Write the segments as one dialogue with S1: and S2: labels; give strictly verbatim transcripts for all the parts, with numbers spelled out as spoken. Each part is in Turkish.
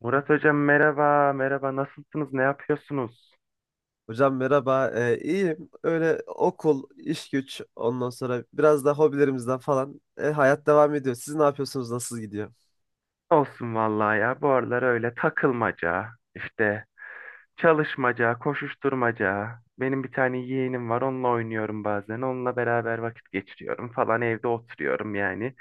S1: Murat Hocam merhaba, merhaba. Nasılsınız, ne yapıyorsunuz?
S2: Hocam merhaba. Ee, iyiyim. Öyle okul, iş güç, ondan sonra biraz da hobilerimizden falan e, hayat devam ediyor. Siz ne yapıyorsunuz? Nasıl gidiyor?
S1: Olsun vallahi ya. Bu aralar öyle takılmaca, işte çalışmaca, koşuşturmaca. Benim bir tane yeğenim var, onunla oynuyorum bazen. Onunla beraber vakit geçiriyorum falan. Evde oturuyorum yani.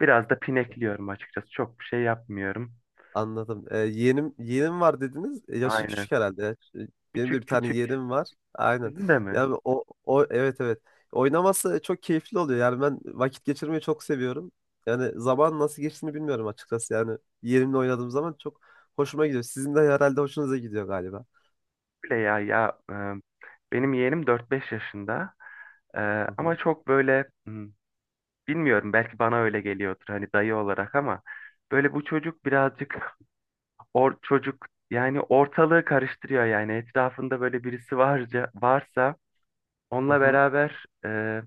S1: Biraz da pinekliyorum açıkçası. Çok bir şey yapmıyorum.
S2: Anladım. Ee, yeğenim yeğenim var dediniz. E, yaşı
S1: Aynen.
S2: küçük herhalde. ya. Ş- Benim de
S1: Küçük
S2: bir tane
S1: küçük.
S2: yeğenim var. Aynen.
S1: Sizin de mi?
S2: Yani o o evet, evet. Oynaması çok keyifli oluyor. Yani ben vakit geçirmeyi çok seviyorum. Yani zaman nasıl geçtiğini bilmiyorum açıkçası. Yani yeğenimle oynadığım zaman çok hoşuma gidiyor. Sizin de herhalde hoşunuza gidiyor galiba.
S1: Öyle ya ya. e, Benim yeğenim dört beş yaşında. E,
S2: Hı
S1: ama
S2: hı.
S1: çok böyle hmm, bilmiyorum, belki bana öyle geliyordur hani dayı olarak ama böyle bu çocuk birazcık or çocuk yani ortalığı karıştırıyor, yani etrafında böyle birisi varca varsa onunla
S2: Hı
S1: beraber e,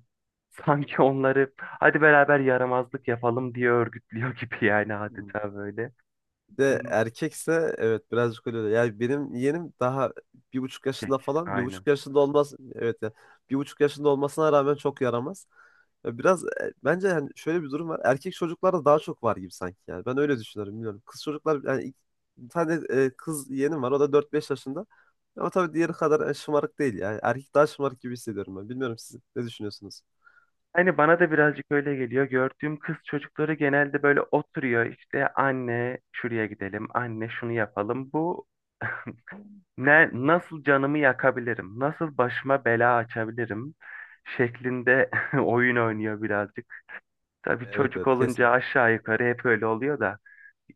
S1: sanki onları hadi beraber yaramazlık yapalım diye örgütlüyor gibi yani
S2: hı.
S1: adeta böyle.
S2: Bir de
S1: Hmm,
S2: erkekse, evet, birazcık öyle. oluyor. Yani benim yeğenim daha bir buçuk
S1: peki,
S2: yaşında falan. Bir
S1: Aynen.
S2: buçuk yaşında olmaz. Evet ya. Bir buçuk yaşında olmasına rağmen çok yaramaz. Ya, biraz e, bence yani şöyle bir durum var. Erkek çocuklarda daha çok var gibi sanki yani. Ben öyle düşünüyorum, bilmiyorum. Kız çocuklar yani ilk- bir tane e, kız yeğenim var. O da dört beş yaşında. Ama tabii diğeri kadar e, şımarık değil yani. Erkek daha şımarık gibi hissediyorum ben. Bilmiyorum, siz ne düşünüyorsunuz?
S1: Hani bana da birazcık öyle geliyor. Gördüğüm kız çocukları genelde böyle oturuyor, işte anne şuraya gidelim, anne şunu yapalım. Bu ne, nasıl canımı yakabilirim? Nasıl başıma bela açabilirim? Şeklinde oyun oynuyor birazcık. Tabii
S2: Evet,
S1: çocuk
S2: evet,
S1: olunca
S2: kesin.
S1: aşağı yukarı hep öyle oluyor da.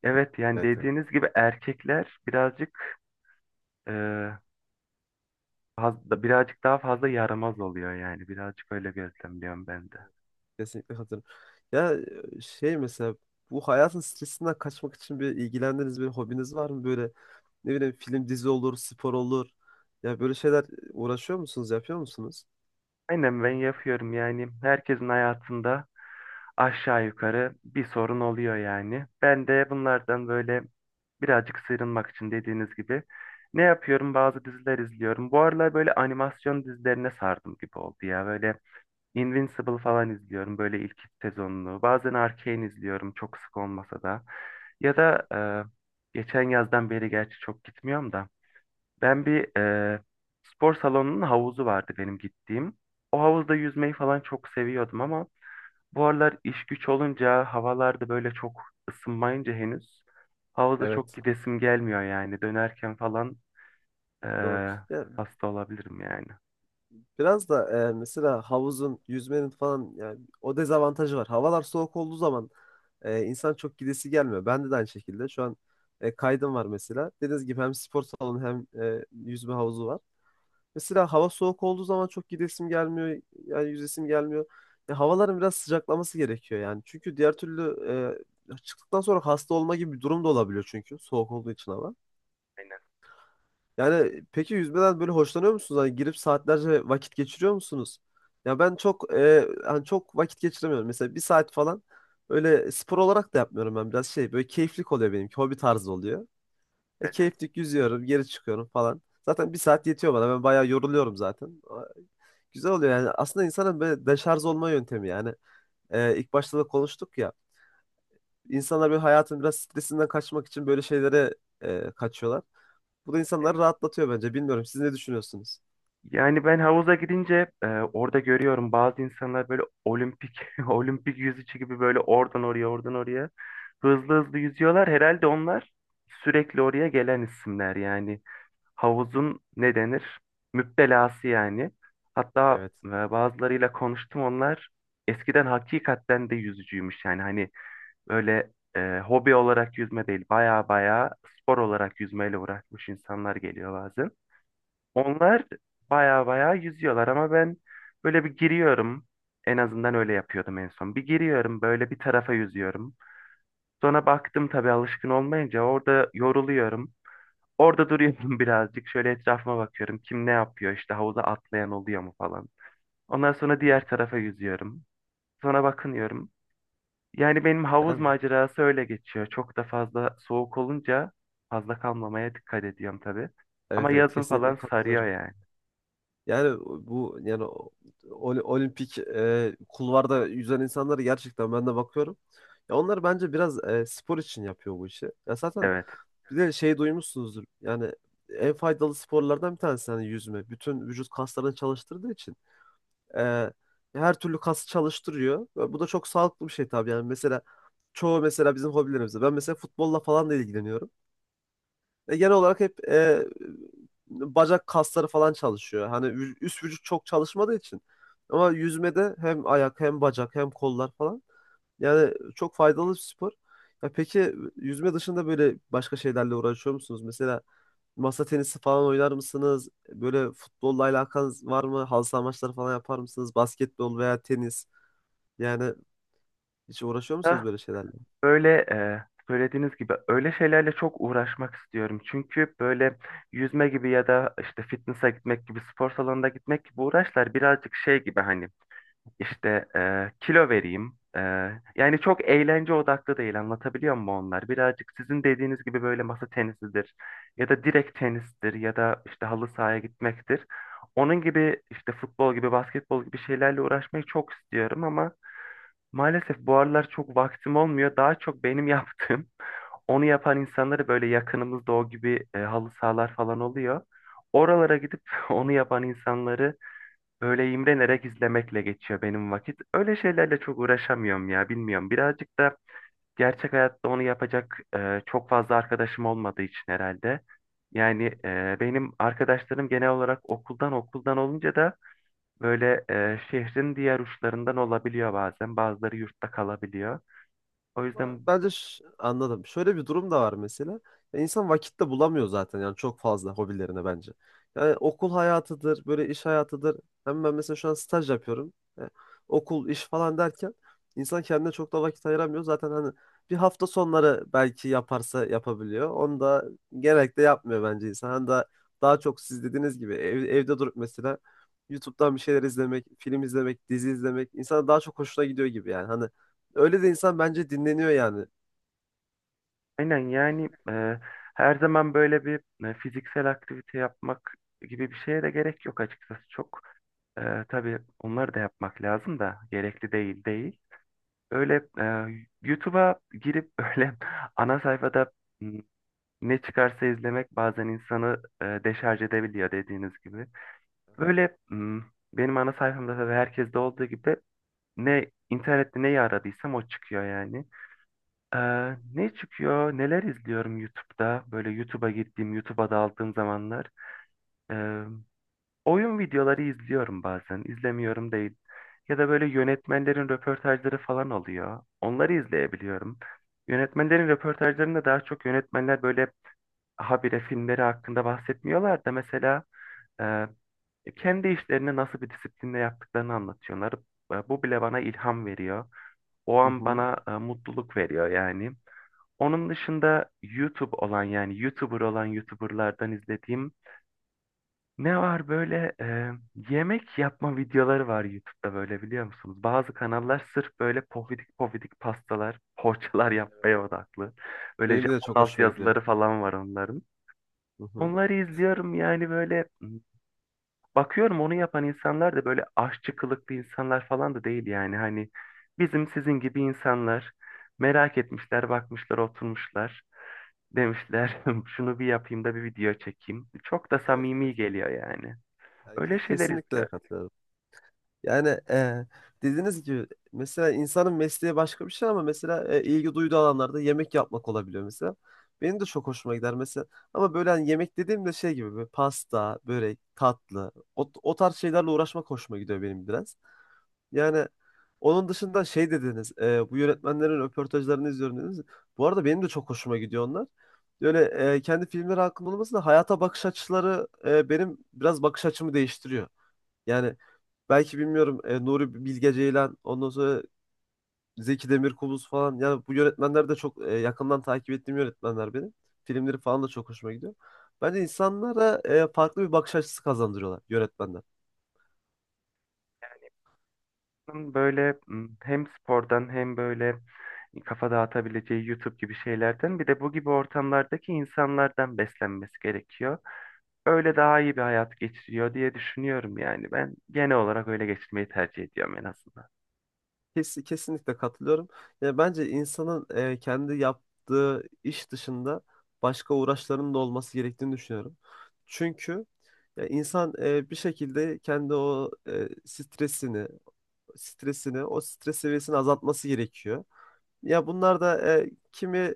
S1: Evet yani
S2: Evet, evet.
S1: dediğiniz gibi erkekler birazcık e, fazla, birazcık daha fazla yaramaz oluyor yani. Birazcık öyle gözlemliyorum ben de.
S2: Kesinlikle katılıyorum. Ya e, şey mesela, bu hayatın stresinden kaçmak için bir ilgilendiğiniz bir hobiniz var mı? Böyle ne bileyim, film dizi olur, spor olur. Ya böyle şeyler uğraşıyor musunuz, yapıyor musunuz?
S1: Aynen ben yapıyorum yani. Herkesin hayatında aşağı yukarı bir sorun oluyor yani. Ben de bunlardan böyle birazcık sıyrılmak için, dediğiniz gibi, ne yapıyorum? Bazı diziler izliyorum. Bu aralar böyle animasyon dizilerine sardım gibi oldu ya. Böyle Invincible falan izliyorum, böyle ilk iki sezonunu. Bazen Arcane izliyorum çok sık olmasa da. Ya da e, geçen yazdan beri gerçi çok gitmiyorum da. Ben bir e, spor salonunun havuzu vardı benim gittiğim. O havuzda yüzmeyi falan çok seviyordum ama bu aralar iş güç olunca, havalarda böyle çok ısınmayınca henüz havuza çok
S2: Evet,
S1: gidesim gelmiyor yani. Dönerken falan
S2: doğru.
S1: eee,
S2: Ya
S1: hasta olabilirim yani.
S2: biraz da e, mesela havuzun, yüzmenin falan yani o dezavantajı var. Havalar soğuk olduğu zaman e, insan çok gidesi gelmiyor. Ben de aynı şekilde şu an e, kaydım var mesela. Dediğiniz gibi hem spor salonu hem e, yüzme havuzu var. Mesela hava soğuk olduğu zaman çok gidesim gelmiyor. Yani yüzesim gelmiyor. Ya, havaların biraz sıcaklaması gerekiyor yani. Çünkü diğer türlü e, çıktıktan sonra hasta olma gibi bir durum da olabiliyor, çünkü soğuk olduğu için hava.
S1: Aynen.
S2: Yani peki yüzmeden böyle hoşlanıyor musunuz? Hani girip saatlerce vakit geçiriyor musunuz? Ya ben çok e, hani çok vakit geçiremiyorum. Mesela bir saat falan öyle spor olarak da yapmıyorum ben. Biraz şey, böyle keyiflik oluyor benimki. Hobi tarzı oluyor. E,
S1: Evet.
S2: keyiflik yüzüyorum, geri çıkıyorum falan. Zaten bir saat yetiyor bana. Ben bayağı yoruluyorum zaten. Güzel oluyor yani. Aslında insanın böyle deşarj olma yöntemi yani. Ee, ilk başta da konuştuk ya. İnsanlar böyle hayatın biraz stresinden kaçmak için böyle şeylere e, kaçıyorlar. Bu da insanları
S1: Aynen.
S2: rahatlatıyor bence. Bilmiyorum. Siz ne düşünüyorsunuz?
S1: Yani ben havuza gidince e, orada görüyorum, bazı insanlar böyle olimpik olimpik yüzücü gibi böyle oradan oraya, oradan oraya hızlı hızlı yüzüyorlar. Herhalde onlar sürekli oraya gelen isimler yani. Havuzun ne denir? Müptelası yani. Hatta
S2: Evet.
S1: e, bazılarıyla konuştum, onlar eskiden hakikaten de yüzücüymüş yani, hani böyle e, hobi olarak yüzme değil, baya baya spor olarak yüzmeyle uğraşmış insanlar geliyor bazen. Onlar baya baya yüzüyorlar ama ben böyle bir giriyorum, en azından öyle yapıyordum en son. Bir giriyorum böyle bir tarafa yüzüyorum. Sonra baktım tabii alışkın olmayınca orada yoruluyorum. Orada duruyorum birazcık. Şöyle etrafıma bakıyorum. Kim ne yapıyor? İşte havuza atlayan oluyor mu falan. Ondan sonra diğer tarafa yüzüyorum. Sonra bakınıyorum. Yani benim havuz
S2: Yani,
S1: macerası öyle geçiyor. Çok da fazla soğuk olunca fazla kalmamaya dikkat ediyorum tabii. Ama
S2: evet, evet,
S1: yazın falan
S2: kesinlikle katılıyorum.
S1: sarıyor yani.
S2: Yani bu yani ol- olimpik e, kulvarda yüzen insanlara gerçekten ben de bakıyorum. Ya onlar bence biraz e, spor için yapıyor bu işi. Ya zaten
S1: Evet.
S2: bir de şey duymuşsunuzdur. Yani en faydalı sporlardan bir tanesi hani yüzme. Bütün vücut kaslarını çalıştırdığı için e, her türlü kası çalıştırıyor. Ve bu da çok sağlıklı bir şey tabii yani. Mesela çoğu mesela bizim hobilerimizde. Ben mesela futbolla falan da ilgileniyorum. E, genel olarak hep e, bacak kasları falan çalışıyor. Hani vü- üst vücut çok çalışmadığı için. Ama yüzmede hem ayak, hem bacak, hem kollar falan. Yani çok faydalı bir spor. Ya peki yüzme dışında böyle başka şeylerle uğraşıyor musunuz? Mesela masa tenisi falan oynar mısınız? Böyle futbolla alakanız var mı? Halı saha maçları falan yapar mısınız? Basketbol veya tenis. Yani hiç uğraşıyor musunuz
S1: Ah,
S2: böyle şeylerle?
S1: böyle e, söylediğiniz gibi öyle şeylerle çok uğraşmak istiyorum. Çünkü böyle yüzme gibi ya da işte fitness'a gitmek gibi, spor salonuna gitmek gibi uğraşlar birazcık şey gibi, hani İşte e, kilo vereyim. E, yani çok eğlence odaklı değil, anlatabiliyor muyum onlar? Birazcık sizin dediğiniz gibi böyle masa tenisidir ya da direkt tenistir ya da işte halı sahaya gitmektir. Onun gibi işte futbol gibi basketbol gibi şeylerle uğraşmayı çok istiyorum ama maalesef bu aralar çok vaktim olmuyor. Daha çok benim yaptığım onu yapan insanları, böyle yakınımızda o gibi e, halı sahalar falan oluyor. Oralara gidip onu yapan insanları böyle imrenerek izlemekle geçiyor benim vakit. Öyle şeylerle çok uğraşamıyorum ya, bilmiyorum. Birazcık da gerçek hayatta onu yapacak e, çok fazla arkadaşım olmadığı için herhalde. Yani e, benim arkadaşlarım genel olarak okuldan okuldan olunca da böyle e, şehrin diğer uçlarından olabiliyor bazen. Bazıları yurtta kalabiliyor. O
S2: Ama
S1: yüzden
S2: bence ş- anladım. Şöyle bir durum da var mesela. Ya, İnsan vakit de bulamıyor zaten yani çok fazla hobilerine bence. Yani okul hayatıdır, böyle iş hayatıdır. Hem ben mesela şu an staj yapıyorum. E, Okul, iş falan derken insan kendine çok da vakit ayıramıyor. Zaten hani bir hafta sonları belki yaparsa yapabiliyor. Onu da genellikle yapmıyor bence insan. Hani daha, daha çok siz dediğiniz gibi ev- evde durup mesela YouTube'dan bir şeyler izlemek, film izlemek, dizi izlemek insana daha çok hoşuna gidiyor gibi yani. Hani öyle de insan bence dinleniyor yani.
S1: aynen yani e, her zaman böyle bir e, fiziksel aktivite yapmak gibi bir şeye de gerek yok açıkçası. Çok e, tabii onları da yapmak lazım da gerekli değil değil. Öyle e, YouTube'a girip öyle ana sayfada m, ne çıkarsa izlemek bazen insanı e, deşarj edebiliyor dediğiniz gibi. Böyle m, benim ana sayfamda tabii herkeste olduğu gibi ne internette neyi aradıysam o çıkıyor yani. Ee, ne çıkıyor? Neler izliyorum YouTube'da? Böyle YouTube'a gittiğim, YouTube'a daldığım zamanlar. e, Oyun videoları izliyorum bazen. İzlemiyorum değil. Ya da böyle yönetmenlerin röportajları falan oluyor. Onları izleyebiliyorum. Yönetmenlerin röportajlarında daha çok yönetmenler böyle habire filmleri hakkında bahsetmiyorlar da, mesela e, kendi işlerini nasıl bir disiplinle yaptıklarını anlatıyorlar. E, Bu bile bana ilham veriyor. O
S2: Hı
S1: an
S2: hı.
S1: bana e, mutluluk veriyor yani. Onun dışında YouTube olan yani YouTuber olan YouTuberlardan izlediğim ne var böyle, e, yemek yapma videoları var YouTube'da, böyle biliyor musunuz? Bazı kanallar sırf böyle pofidik pofidik pastalar, poğaçalar yapmaya odaklı. Böyle
S2: Benim de
S1: Japon
S2: çok
S1: alt
S2: hoşuma gidiyor.
S1: yazıları falan var onların.
S2: Hı hı.
S1: Onları izliyorum yani. Böyle bakıyorum, onu yapan insanlar da böyle aşçı kılıklı insanlar falan da değil yani. Hani bizim sizin gibi insanlar, merak etmişler, bakmışlar, oturmuşlar. Demişler şunu bir yapayım da bir video çekeyim. Çok da
S2: Evet,
S1: samimi
S2: evet.
S1: geliyor yani.
S2: Yani
S1: Öyle
S2: ke-
S1: şeyler
S2: kesinlikle
S1: izliyorum.
S2: katılıyorum. Yani e, dediğiniz gibi mesela insanın mesleği başka bir şey ama mesela e, ilgi duyduğu alanlarda yemek yapmak olabiliyor mesela. Benim de çok hoşuma gider mesela. Ama böyle hani yemek dediğimde şey gibi böyle pasta, börek, tatlı o, o tarz şeylerle uğraşmak hoşuma gidiyor benim biraz. Yani onun dışında şey dediniz, e, bu yönetmenlerin röportajlarını izliyorum dediniz. Bu arada benim de çok hoşuma gidiyor onlar. Böyle e, kendi filmleri hakkında olması da hayata bakış açıları e, benim biraz bakış açımı değiştiriyor. Yani belki bilmiyorum e, Nuri Bilge Ceylan, ondan sonra Zeki Demirkubuz falan. Yani bu yönetmenler de çok e, yakından takip ettiğim yönetmenler benim. Filmleri falan da çok hoşuma gidiyor. Bence insanlara e, farklı bir bakış açısı kazandırıyorlar yönetmenler.
S1: Böyle m, hem spordan hem böyle kafa dağıtabileceği YouTube gibi şeylerden, bir de bu gibi ortamlardaki insanlardan beslenmesi gerekiyor. Öyle daha iyi bir hayat geçiriyor diye düşünüyorum yani. Ben genel olarak öyle geçirmeyi tercih ediyorum en azından.
S2: Kes, kesinlikle katılıyorum. Yani bence insanın e, kendi yaptığı iş dışında başka uğraşlarının da olması gerektiğini düşünüyorum. Çünkü ya insan e, bir şekilde kendi o e, stresini, stresini, o stres seviyesini azaltması gerekiyor. Ya bunlar da e, kimi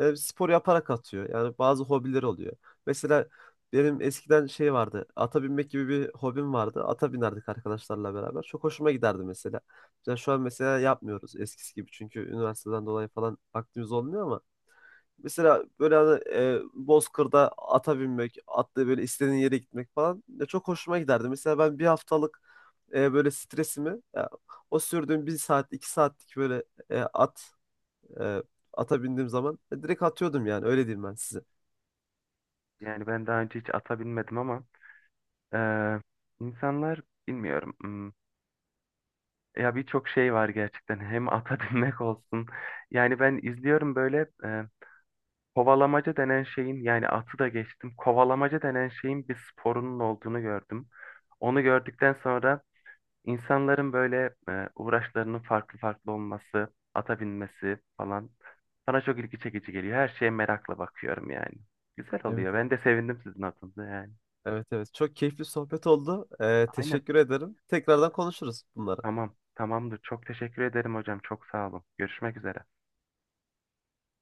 S2: e, spor yaparak atıyor. Yani bazı hobileri oluyor. Mesela benim eskiden şey vardı. Ata binmek gibi bir hobim vardı. Ata binerdik arkadaşlarla beraber. Çok hoşuma giderdi mesela. Yani şu an mesela yapmıyoruz eskisi gibi. Çünkü üniversiteden dolayı falan vaktimiz olmuyor ama mesela böyle hani, e, Bozkır'da ata binmek, atla böyle istediğin yere gitmek falan, ya çok hoşuma giderdi. Mesela ben bir haftalık e, böyle stresimi ya, o sürdüğüm bir saat, iki saatlik böyle e, at e, ata bindiğim zaman e, direkt atıyordum yani öyle diyeyim ben size.
S1: Yani ben daha önce hiç ata binmedim ama eee, insanlar bilmiyorum. hmm, Ya, birçok şey var gerçekten. Hem ata binmek olsun. Yani ben izliyorum böyle eee, kovalamaca denen şeyin, yani atı da geçtim, kovalamaca denen şeyin bir sporunun olduğunu gördüm. Onu gördükten sonra İnsanların böyle e, uğraşlarının farklı farklı olması, ata binmesi falan bana çok ilgi çekici geliyor. Her şeye merakla bakıyorum yani. Güzel
S2: Evet,
S1: oluyor. Ben
S2: evet.
S1: de sevindim sizin adınıza yani.
S2: Evet, evet, çok keyifli sohbet oldu. E,
S1: Aynen.
S2: teşekkür ederim. Tekrardan konuşuruz bunları.
S1: Tamam. Tamamdır. Çok teşekkür ederim hocam. Çok sağ olun. Görüşmek üzere.